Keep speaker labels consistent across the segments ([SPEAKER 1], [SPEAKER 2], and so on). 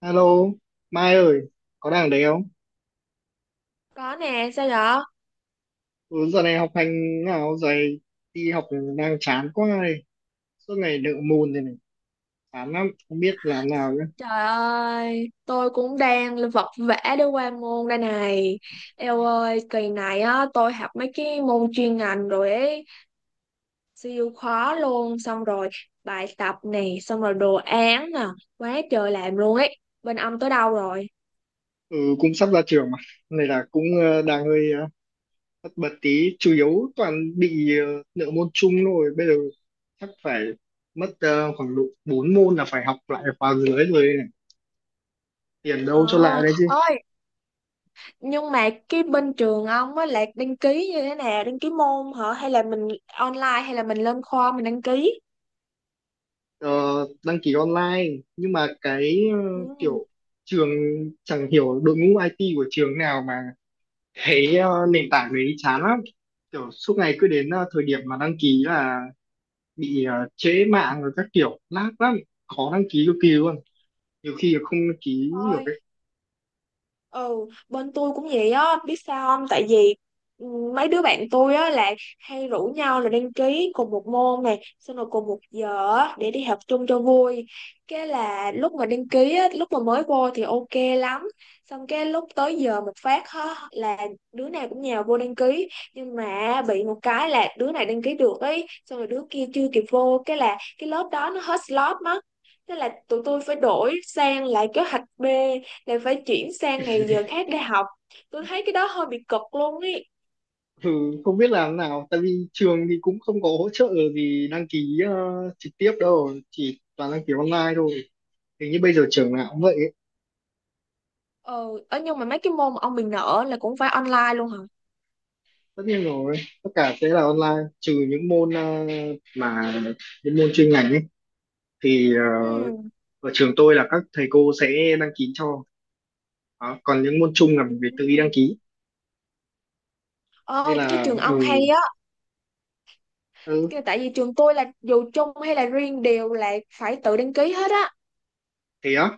[SPEAKER 1] Alo, Mai ơi, có đang ở đấy không?
[SPEAKER 2] Có nè, sao vậy?
[SPEAKER 1] Ừ, giờ này học hành nào dày, đi học đang chán quá này, suốt ngày nợ môn thế này, chán lắm, không biết làm nào nữa.
[SPEAKER 2] Trời ơi, tôi cũng đang vật vã để qua môn đây này. Eo ơi, kỳ này á, tôi học mấy cái môn chuyên ngành rồi ấy, siêu khó luôn. Xong rồi bài tập này, xong rồi đồ án nè, quá trời làm luôn ấy. Bên ông tới đâu rồi?
[SPEAKER 1] Ừ, cũng sắp ra trường mà, này là cũng đang hơi tất bật tí, chủ yếu toàn bị nợ môn chung thôi, bây giờ chắc phải mất khoảng độ 4 môn là phải học lại khóa dưới rồi đây này, tiền đâu cho
[SPEAKER 2] Ờ,
[SPEAKER 1] lại đấy.
[SPEAKER 2] ơi, nhưng mà cái bên trường ông á, là đăng ký như thế nào? Đăng ký môn hả? Hay là mình online, hay là mình lên khoa mình đăng ký?
[SPEAKER 1] ờ, Đăng ký online, nhưng mà cái
[SPEAKER 2] Ừ,
[SPEAKER 1] kiểu trường chẳng hiểu đội ngũ IT của trường nào mà cái nền tảng đấy chán lắm, kiểu suốt ngày cứ đến thời điểm mà đăng ký là bị trễ mạng rồi các kiểu lag lắm, khó đăng ký cực kỳ luôn, nhiều khi là không đăng ký được
[SPEAKER 2] thôi.
[SPEAKER 1] ấy.
[SPEAKER 2] Ừ, bên tôi cũng vậy á, biết sao không? Tại vì ừ, mấy đứa bạn tôi á là hay rủ nhau là đăng ký cùng một môn này, xong rồi cùng một giờ á, để đi học chung cho vui. Cái là lúc mà đăng ký á, lúc mà mới vô thì ok lắm. Xong cái lúc tới giờ một phát á, là đứa nào cũng nhào vô đăng ký. Nhưng mà bị một cái là đứa này đăng ký được ấy, xong rồi đứa kia chưa kịp vô. Cái là cái lớp đó nó hết slot mất. Thế là tụi tôi phải đổi sang lại kế hoạch B, lại phải chuyển sang ngày giờ khác để học. Tôi thấy cái đó hơi bị cực luôn ý.
[SPEAKER 1] Ừ, không biết làm nào, tại vì trường thì cũng không có hỗ trợ gì đăng ký trực tiếp đâu, chỉ toàn đăng ký online thôi, hình như bây giờ trường nào cũng vậy.
[SPEAKER 2] Ờ, nhưng mà mấy cái môn mà ông mình nợ là cũng phải online luôn hả?
[SPEAKER 1] Tất nhiên rồi, tất cả sẽ là online, trừ những môn mà những môn chuyên ngành ấy thì
[SPEAKER 2] Ừ.
[SPEAKER 1] ở trường tôi là các thầy cô sẽ đăng ký cho đó. Còn những môn chung là mình phải tự đi đăng
[SPEAKER 2] Ừ.
[SPEAKER 1] ký, nên
[SPEAKER 2] Ờ, cái
[SPEAKER 1] là
[SPEAKER 2] trường
[SPEAKER 1] ừ,
[SPEAKER 2] ông hay á.
[SPEAKER 1] ừ.
[SPEAKER 2] Tại vì trường tôi là dù chung hay là riêng đều là phải tự đăng ký hết á.
[SPEAKER 1] Thế á,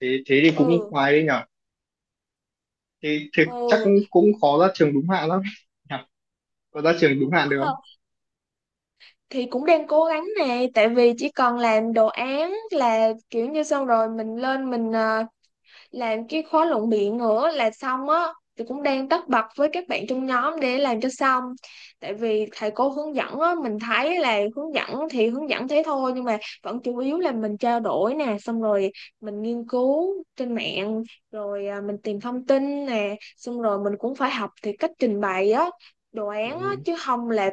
[SPEAKER 1] thế thế thì cũng
[SPEAKER 2] Ừ.
[SPEAKER 1] khoái đấy nhở. Thế, thế chắc
[SPEAKER 2] Ừ.
[SPEAKER 1] cũng khó ra trường đúng hạn lắm nhở? Có ra trường đúng hạn được
[SPEAKER 2] Ờ,
[SPEAKER 1] không?
[SPEAKER 2] thì cũng đang cố gắng nè, tại vì chỉ cần làm đồ án là kiểu như xong, rồi mình lên mình làm cái khóa luận biện nữa là xong á. Thì cũng đang tất bật với các bạn trong nhóm để làm cho xong. Tại vì thầy cô hướng dẫn á, mình thấy là hướng dẫn thì hướng dẫn thế thôi, nhưng mà vẫn chủ yếu là mình trao đổi nè, xong rồi mình nghiên cứu trên mạng rồi à, mình tìm thông tin nè, xong rồi mình cũng phải học thì cách trình bày á đồ án á,
[SPEAKER 1] Ừ.
[SPEAKER 2] chứ không là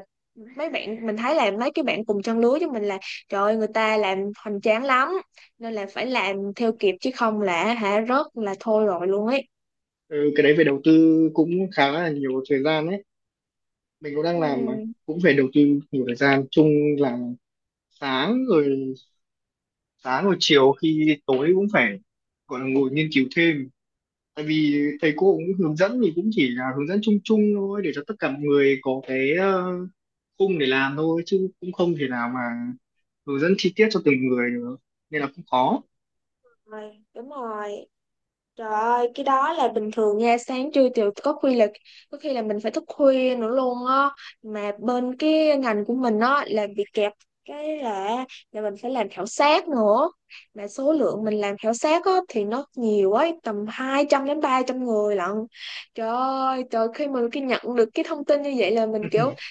[SPEAKER 2] mấy bạn mình thấy là mấy cái bạn cùng trang lứa với mình là trời ơi người ta làm hoành tráng lắm, nên là phải làm theo kịp chứ không là hả rớt là thôi rồi luôn ấy.
[SPEAKER 1] Ừ, cái đấy phải đầu tư cũng khá là nhiều thời gian đấy, mình cũng đang làm mà,
[SPEAKER 2] Ừ.
[SPEAKER 1] cũng phải đầu tư nhiều thời gian chung, là sáng rồi sáng rồi chiều khi tối cũng phải gọi là ngồi nghiên cứu thêm, tại vì thầy cô cũng hướng dẫn thì cũng chỉ là hướng dẫn chung chung thôi, để cho tất cả mọi người có cái khung để làm thôi, chứ cũng không thể nào mà hướng dẫn chi tiết cho từng người được, nên là cũng khó.
[SPEAKER 2] Rồi, đúng rồi. Trời ơi, cái đó là bình thường nha, sáng trưa chiều, có khi là mình phải thức khuya nữa luôn á. Mà bên cái ngành của mình á là bị kẹp, cái là mình phải làm khảo sát nữa, mà số lượng mình làm khảo sát á thì nó nhiều ấy, tầm 200 đến 300 người lận. Trời ơi trời, khi nhận được cái thông tin như vậy là mình kiểu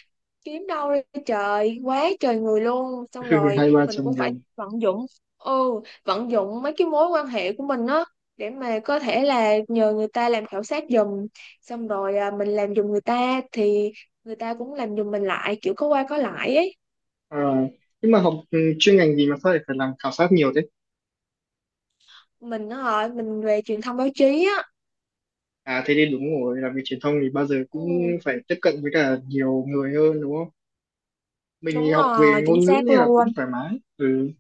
[SPEAKER 2] kiếm đâu ra, trời quá trời người luôn. Xong rồi
[SPEAKER 1] Hai ba
[SPEAKER 2] mình
[SPEAKER 1] trăm
[SPEAKER 2] cũng phải
[SPEAKER 1] người.
[SPEAKER 2] vận dụng. Ừ. Vận dụng mấy cái mối quan hệ của mình á, để mà có thể là nhờ người ta làm khảo sát giùm, xong rồi à, mình làm giùm người ta thì người ta cũng làm giùm mình lại, kiểu có qua có lại ấy.
[SPEAKER 1] À, nhưng mà học chuyên ngành gì mà sao lại phải làm khảo sát nhiều thế?
[SPEAKER 2] Mình á hả, mình về truyền thông báo chí á.
[SPEAKER 1] À thế thì đúng rồi, làm việc truyền thông thì bao giờ cũng
[SPEAKER 2] Ừ,
[SPEAKER 1] phải tiếp cận với cả nhiều người hơn đúng không. Mình thì
[SPEAKER 2] đúng
[SPEAKER 1] học
[SPEAKER 2] rồi,
[SPEAKER 1] về ngôn
[SPEAKER 2] chính
[SPEAKER 1] ngữ
[SPEAKER 2] xác
[SPEAKER 1] nên là cũng
[SPEAKER 2] luôn.
[SPEAKER 1] thoải mái, ừ,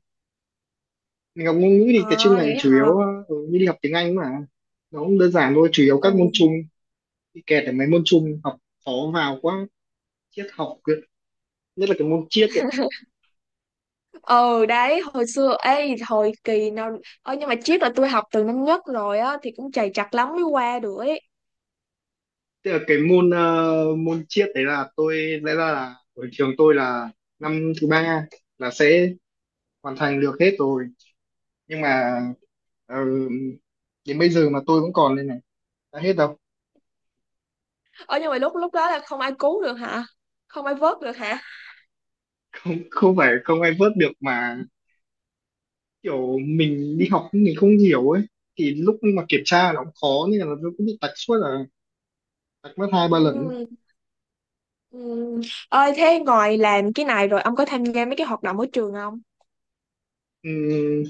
[SPEAKER 1] mình học ngôn ngữ thì cái chuyên
[SPEAKER 2] À vậy
[SPEAKER 1] ngành chủ
[SPEAKER 2] hả.
[SPEAKER 1] yếu như đi học tiếng Anh mà, nó cũng đơn giản thôi, chủ yếu các môn chung
[SPEAKER 2] Ừ.
[SPEAKER 1] bị kẹt ở mấy môn chung, học khó vào quá, triết học cơ. Nhất là cái môn triết ấy.
[SPEAKER 2] Ừ đấy, hồi xưa ấy hồi kỳ nào, ờ nhưng mà triết là tôi học từ năm nhất rồi á, thì cũng trầy trật lắm mới qua được ấy.
[SPEAKER 1] Tức là cái môn môn triết đấy là tôi, lẽ ra là ở trường tôi là năm thứ ba là sẽ hoàn thành được hết rồi, nhưng mà ờ, đến bây giờ mà tôi vẫn còn đây này, đã hết đâu.
[SPEAKER 2] Ờ nhưng mà lúc lúc đó là không ai cứu được hả? Không ai vớt được hả?
[SPEAKER 1] Không, không phải không ai vớt được, mà kiểu mình đi học mình không hiểu ấy, thì lúc mà kiểm tra nó cũng khó nên là nó cũng bị tạch suốt, là tạch mất hai ba lần ấy.
[SPEAKER 2] Ừ, ừ. Ơi, thế ngoài làm cái này rồi ông có tham gia mấy cái hoạt động ở trường không?
[SPEAKER 1] Ừm,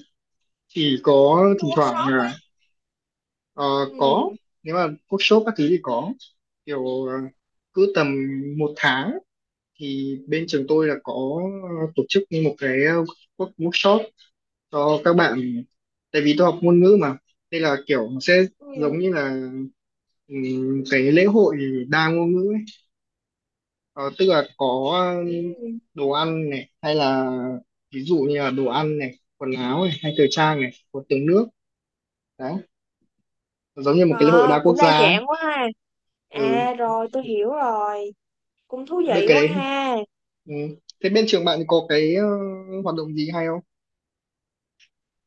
[SPEAKER 1] chỉ có
[SPEAKER 2] Mấy cái
[SPEAKER 1] thỉnh thoảng
[SPEAKER 2] workshop
[SPEAKER 1] là
[SPEAKER 2] á.
[SPEAKER 1] ờ, có,
[SPEAKER 2] Ừ.
[SPEAKER 1] nếu mà workshop các thứ thì có, kiểu cứ tầm một tháng thì bên trường tôi là có tổ chức như một cái workshop cho các bạn, tại vì tôi học ngôn ngữ mà, nên là kiểu nó sẽ
[SPEAKER 2] Ừ.
[SPEAKER 1] giống như là cái lễ hội đa ngôn ngữ ấy. Ờ, tức là có
[SPEAKER 2] Ừ.
[SPEAKER 1] đồ ăn này hay là ví dụ như là đồ ăn này, quần áo này hay thời trang này, có tiếng nước đấy, giống như một cái lễ hội đa
[SPEAKER 2] Ờ,
[SPEAKER 1] quốc
[SPEAKER 2] cũng đa
[SPEAKER 1] gia ấy.
[SPEAKER 2] dạng quá ha.
[SPEAKER 1] Ừ,
[SPEAKER 2] À rồi, tôi hiểu rồi, cũng thú
[SPEAKER 1] được
[SPEAKER 2] vị
[SPEAKER 1] cái
[SPEAKER 2] quá
[SPEAKER 1] đấy.
[SPEAKER 2] ha.
[SPEAKER 1] Ừ. Thế bên trường bạn có cái hoạt động gì hay không?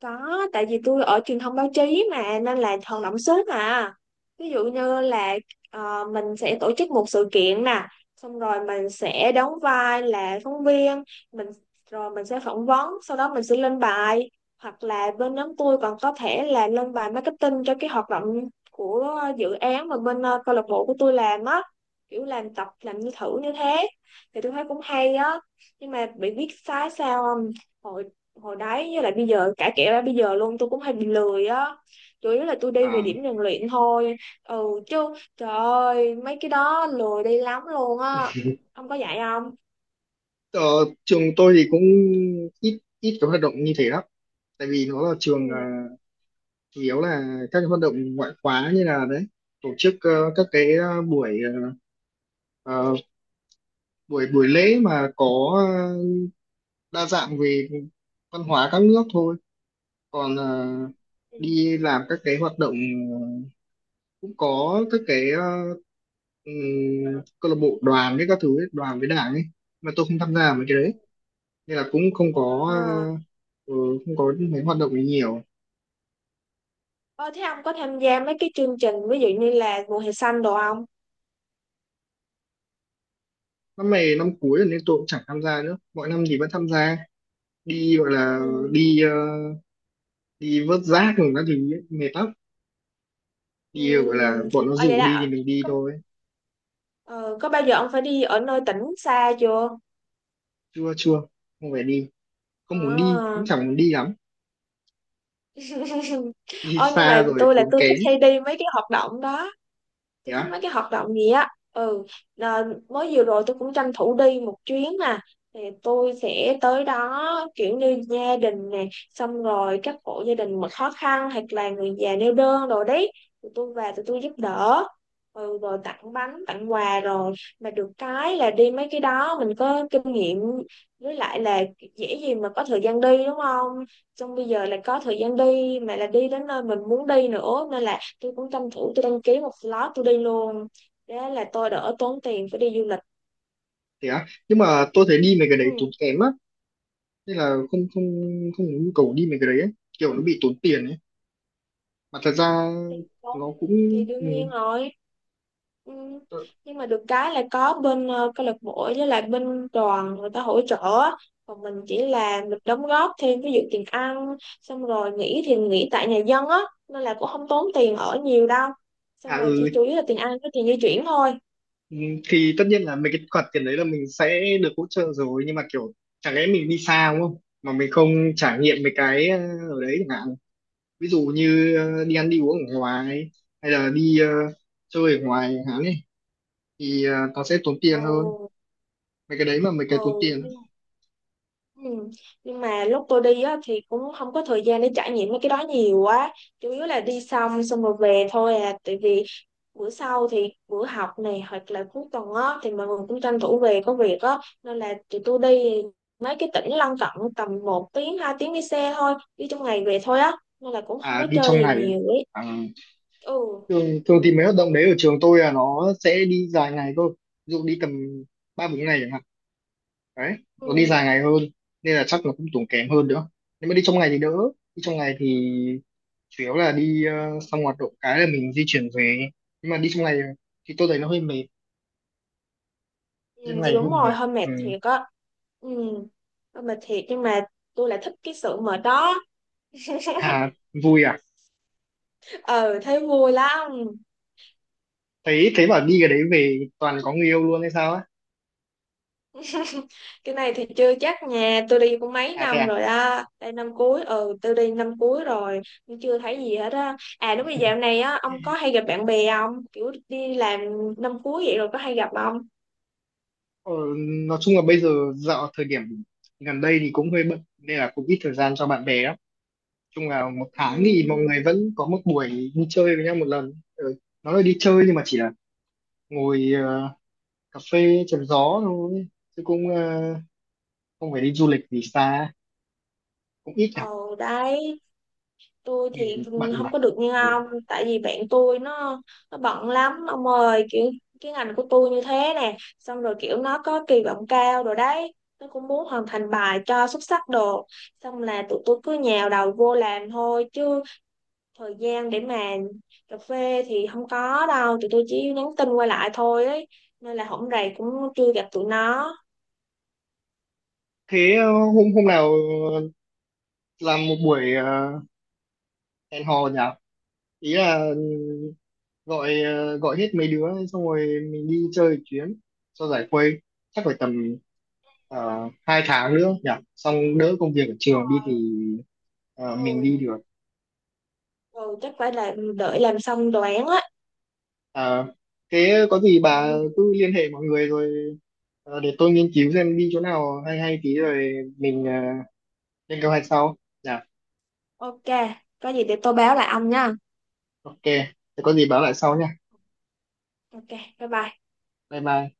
[SPEAKER 2] Có, tại vì tôi ở truyền thông báo chí mà nên là hoạt động sớm mà. Ví dụ như là mình sẽ tổ chức một sự kiện nè, xong rồi mình sẽ đóng vai là phóng viên, mình rồi mình sẽ phỏng vấn, sau đó mình sẽ lên bài, hoặc là bên nhóm tôi còn có thể là lên bài marketing cho cái hoạt động của dự án mà bên câu lạc bộ của tôi làm á, kiểu làm tập làm như thử như thế thì tôi thấy cũng hay á. Nhưng mà bị biết sai sao không? Hồi hồi đấy với lại bây giờ, cả kể ra bây giờ luôn, tôi cũng hay bị lười á, chủ yếu là tôi đi về
[SPEAKER 1] À
[SPEAKER 2] điểm rèn luyện thôi. Ừ. Chứ trời ơi mấy cái đó lười đi lắm luôn á. Ông có dạy không?
[SPEAKER 1] ờ, trường tôi thì cũng ít ít cái hoạt động như thế lắm, tại vì nó là trường
[SPEAKER 2] Ừ.
[SPEAKER 1] chủ yếu là các cái hoạt động ngoại khóa như là đấy, tổ chức các cái buổi ờ, buổi buổi lễ mà có đa dạng về văn hóa các nước thôi. Còn
[SPEAKER 2] Ừ.
[SPEAKER 1] đi làm các cái hoạt động ờ, cũng có các cái ừm, câu lạc bộ đoàn với các thứ ấy, đoàn với đảng ấy, mà tôi không tham gia mấy cái đấy, nên là cũng không có
[SPEAKER 2] À.
[SPEAKER 1] ừ, không có mấy hoạt động ấy nhiều.
[SPEAKER 2] Ờ, thế ông có tham gia mấy cái chương trình ví dụ như là mùa hè xanh đồ không?
[SPEAKER 1] Năm này năm cuối rồi nên tôi cũng chẳng tham gia nữa, mọi năm thì vẫn tham gia, đi gọi là
[SPEAKER 2] Ừ.
[SPEAKER 1] đi ờ, đi vớt rác rồi các thứ ấy, mệt lắm,
[SPEAKER 2] Ừ.
[SPEAKER 1] đi gọi là bọn nó
[SPEAKER 2] Ờ, vậy
[SPEAKER 1] rủ đi thì
[SPEAKER 2] là
[SPEAKER 1] mình đi
[SPEAKER 2] có,
[SPEAKER 1] thôi.
[SPEAKER 2] ờ, có bao giờ ông phải đi ở nơi tỉnh xa chưa?
[SPEAKER 1] Chưa chưa, không phải đi, không muốn đi, cũng
[SPEAKER 2] À.
[SPEAKER 1] chẳng muốn đi lắm, đi
[SPEAKER 2] Ờ, nhưng mà
[SPEAKER 1] xa rồi
[SPEAKER 2] tôi là
[SPEAKER 1] tốn
[SPEAKER 2] tôi thích
[SPEAKER 1] kém.
[SPEAKER 2] hay đi mấy cái hoạt động đó,
[SPEAKER 1] Thế
[SPEAKER 2] tôi thích
[SPEAKER 1] á,
[SPEAKER 2] mấy cái hoạt động gì á. Ừ, là mới vừa rồi tôi cũng tranh thủ đi một chuyến nè, thì tôi sẽ tới đó kiểu như gia đình nè, xong rồi các hộ gia đình mà khó khăn hoặc là người già neo đơn rồi đấy, tụi tôi về tụi tôi giúp đỡ. Ừ, rồi tặng bánh tặng quà rồi, mà được cái là đi mấy cái đó mình có kinh nghiệm. Với lại là dễ gì mà có thời gian đi đúng không, xong bây giờ là có thời gian đi mà là đi đến nơi mình muốn đi nữa, nên là tôi cũng tranh thủ tôi đăng ký một slot tôi đi luôn, thế là tôi đỡ tốn tiền phải đi du lịch.
[SPEAKER 1] thế á, nhưng mà tôi thấy đi mấy cái
[SPEAKER 2] Ừ.
[SPEAKER 1] đấy tốn kém á, nên là không không không muốn nhu cầu đi mấy cái đấy ấy. Kiểu nó bị tốn tiền ấy, mà thật ra
[SPEAKER 2] Tiền tốn
[SPEAKER 1] nó cũng
[SPEAKER 2] thì
[SPEAKER 1] ừ,
[SPEAKER 2] đương nhiên rồi. Ừ.
[SPEAKER 1] tôi-
[SPEAKER 2] Nhưng mà được cái là có bên câu lạc bộ với lại bên đoàn người ta hỗ trợ á. Còn mình chỉ là mình đóng góp thêm ví dụ tiền ăn, xong rồi nghỉ thì nghỉ tại nhà dân á, nên là cũng không tốn tiền ở nhiều đâu, xong
[SPEAKER 1] à
[SPEAKER 2] rồi chỉ
[SPEAKER 1] ừ,
[SPEAKER 2] chủ yếu là tiền ăn với tiền di chuyển thôi.
[SPEAKER 1] ừ, thì tất nhiên là mấy cái khoản tiền đấy là mình sẽ được hỗ trợ rồi, nhưng mà kiểu chẳng lẽ mình đi xa đúng không mà mình không trải nghiệm mấy cái ở đấy chẳng hạn, ví dụ như đi ăn đi uống ở ngoài, hay là đi chơi ở ngoài chẳng hạn ấy, thì nó sẽ tốn
[SPEAKER 2] Ồ.
[SPEAKER 1] tiền hơn, mấy cái đấy mà mấy cái
[SPEAKER 2] Ồ.
[SPEAKER 1] tốn tiền.
[SPEAKER 2] Ừ. Nhưng mà lúc tôi đi á, thì cũng không có thời gian để trải nghiệm mấy cái đó nhiều quá, chủ yếu là đi xong xong rồi về thôi à, tại vì bữa sau thì bữa học này hoặc là cuối tuần á thì mọi người cũng tranh thủ về có việc á, nên là tụi tôi đi mấy cái tỉnh lân cận tầm một tiếng 2 tiếng đi xe thôi, đi trong ngày về thôi á, nên là cũng không
[SPEAKER 1] À
[SPEAKER 2] có
[SPEAKER 1] đi
[SPEAKER 2] chơi
[SPEAKER 1] trong
[SPEAKER 2] gì
[SPEAKER 1] ngày à.
[SPEAKER 2] nhiều ấy.
[SPEAKER 1] À,
[SPEAKER 2] Ừ.
[SPEAKER 1] thường
[SPEAKER 2] Ừ.
[SPEAKER 1] thường thì mấy hoạt động đấy ở trường tôi là nó sẽ đi dài ngày thôi, ví dụ đi tầm ba bốn ngày chẳng hạn, đấy,
[SPEAKER 2] Ừ,
[SPEAKER 1] nó đi dài ngày hơn, nên là chắc nó cũng tốn kém hơn nữa. Nếu mà đi trong ngày thì đỡ, đi trong ngày thì chủ yếu là đi xong hoạt động cái là mình di chuyển về, nhưng mà đi trong ngày thì tôi thấy nó hơi mệt, đi
[SPEAKER 2] ừ.
[SPEAKER 1] trong
[SPEAKER 2] Thì
[SPEAKER 1] ngày hơi
[SPEAKER 2] đúng rồi,
[SPEAKER 1] mệt.
[SPEAKER 2] hơi mệt
[SPEAKER 1] Ừ.
[SPEAKER 2] thiệt á. Ừ hơi mệt thiệt, nhưng mà tôi lại thích cái sự mệt đó.
[SPEAKER 1] Hà, vui à?
[SPEAKER 2] Ờ thấy vui lắm.
[SPEAKER 1] Thấy thế, bảo đi cái đấy về toàn có người yêu luôn hay sao á.
[SPEAKER 2] Cái này thì chưa chắc, nhà tôi đi cũng mấy
[SPEAKER 1] À thế
[SPEAKER 2] năm
[SPEAKER 1] à.
[SPEAKER 2] rồi á, đây năm cuối, ừ tôi đi năm cuối rồi, nhưng chưa thấy gì hết á. À đúng rồi, dạo này á ông có hay gặp bạn bè không, kiểu đi làm năm cuối vậy rồi có hay gặp không?
[SPEAKER 1] Ờ, nói chung là bây giờ dạo thời điểm gần đây thì cũng hơi bận nên là cũng ít thời gian cho bạn bè lắm. Nói chung là một tháng thì mọi
[SPEAKER 2] Ừ.
[SPEAKER 1] người vẫn có một buổi đi chơi với nhau một lần. Ừ, nó là đi chơi nhưng mà chỉ là ngồi cà phê chém gió thôi, chứ cũng không phải đi du lịch gì xa, cũng ít
[SPEAKER 2] Ừ
[SPEAKER 1] gặp
[SPEAKER 2] đấy, tôi
[SPEAKER 1] vì
[SPEAKER 2] thì
[SPEAKER 1] bận mà.
[SPEAKER 2] không có được như
[SPEAKER 1] Ừ.
[SPEAKER 2] ông, tại vì bạn tôi nó bận lắm ông ơi, kiểu cái ngành của tôi như thế nè, xong rồi kiểu nó có kỳ vọng cao rồi đấy, nó cũng muốn hoàn thành bài cho xuất sắc đồ, xong là tụi tôi cứ nhào đầu vô làm thôi, chứ thời gian để mà cà phê thì không có đâu, tụi tôi chỉ nhắn tin qua lại thôi ấy, nên là hổng rày cũng chưa gặp tụi nó.
[SPEAKER 1] Thế hôm hôm nào làm một buổi hẹn hò nhỉ? Ý là ừ, gọi hết mấy đứa xong rồi mình đi chơi một chuyến cho giải khuây, chắc phải tầm hai tháng nữa nhỉ, xong đỡ công việc ở trường đi thì mình đi
[SPEAKER 2] Ừ,
[SPEAKER 1] được.
[SPEAKER 2] rồi chắc phải là đợi làm xong đồ án á.
[SPEAKER 1] À, thế có gì bà
[SPEAKER 2] Ừ.
[SPEAKER 1] cứ liên hệ mọi người rồi để tôi nghiên cứu xem đi chỗ nào hay hay tí rồi mình lên kế hoạch sau nhỉ.
[SPEAKER 2] Ok, có gì để tôi báo lại ông nha.
[SPEAKER 1] Ok, thế có gì báo lại sau nha.
[SPEAKER 2] Ok, bye bye.
[SPEAKER 1] Bye bye.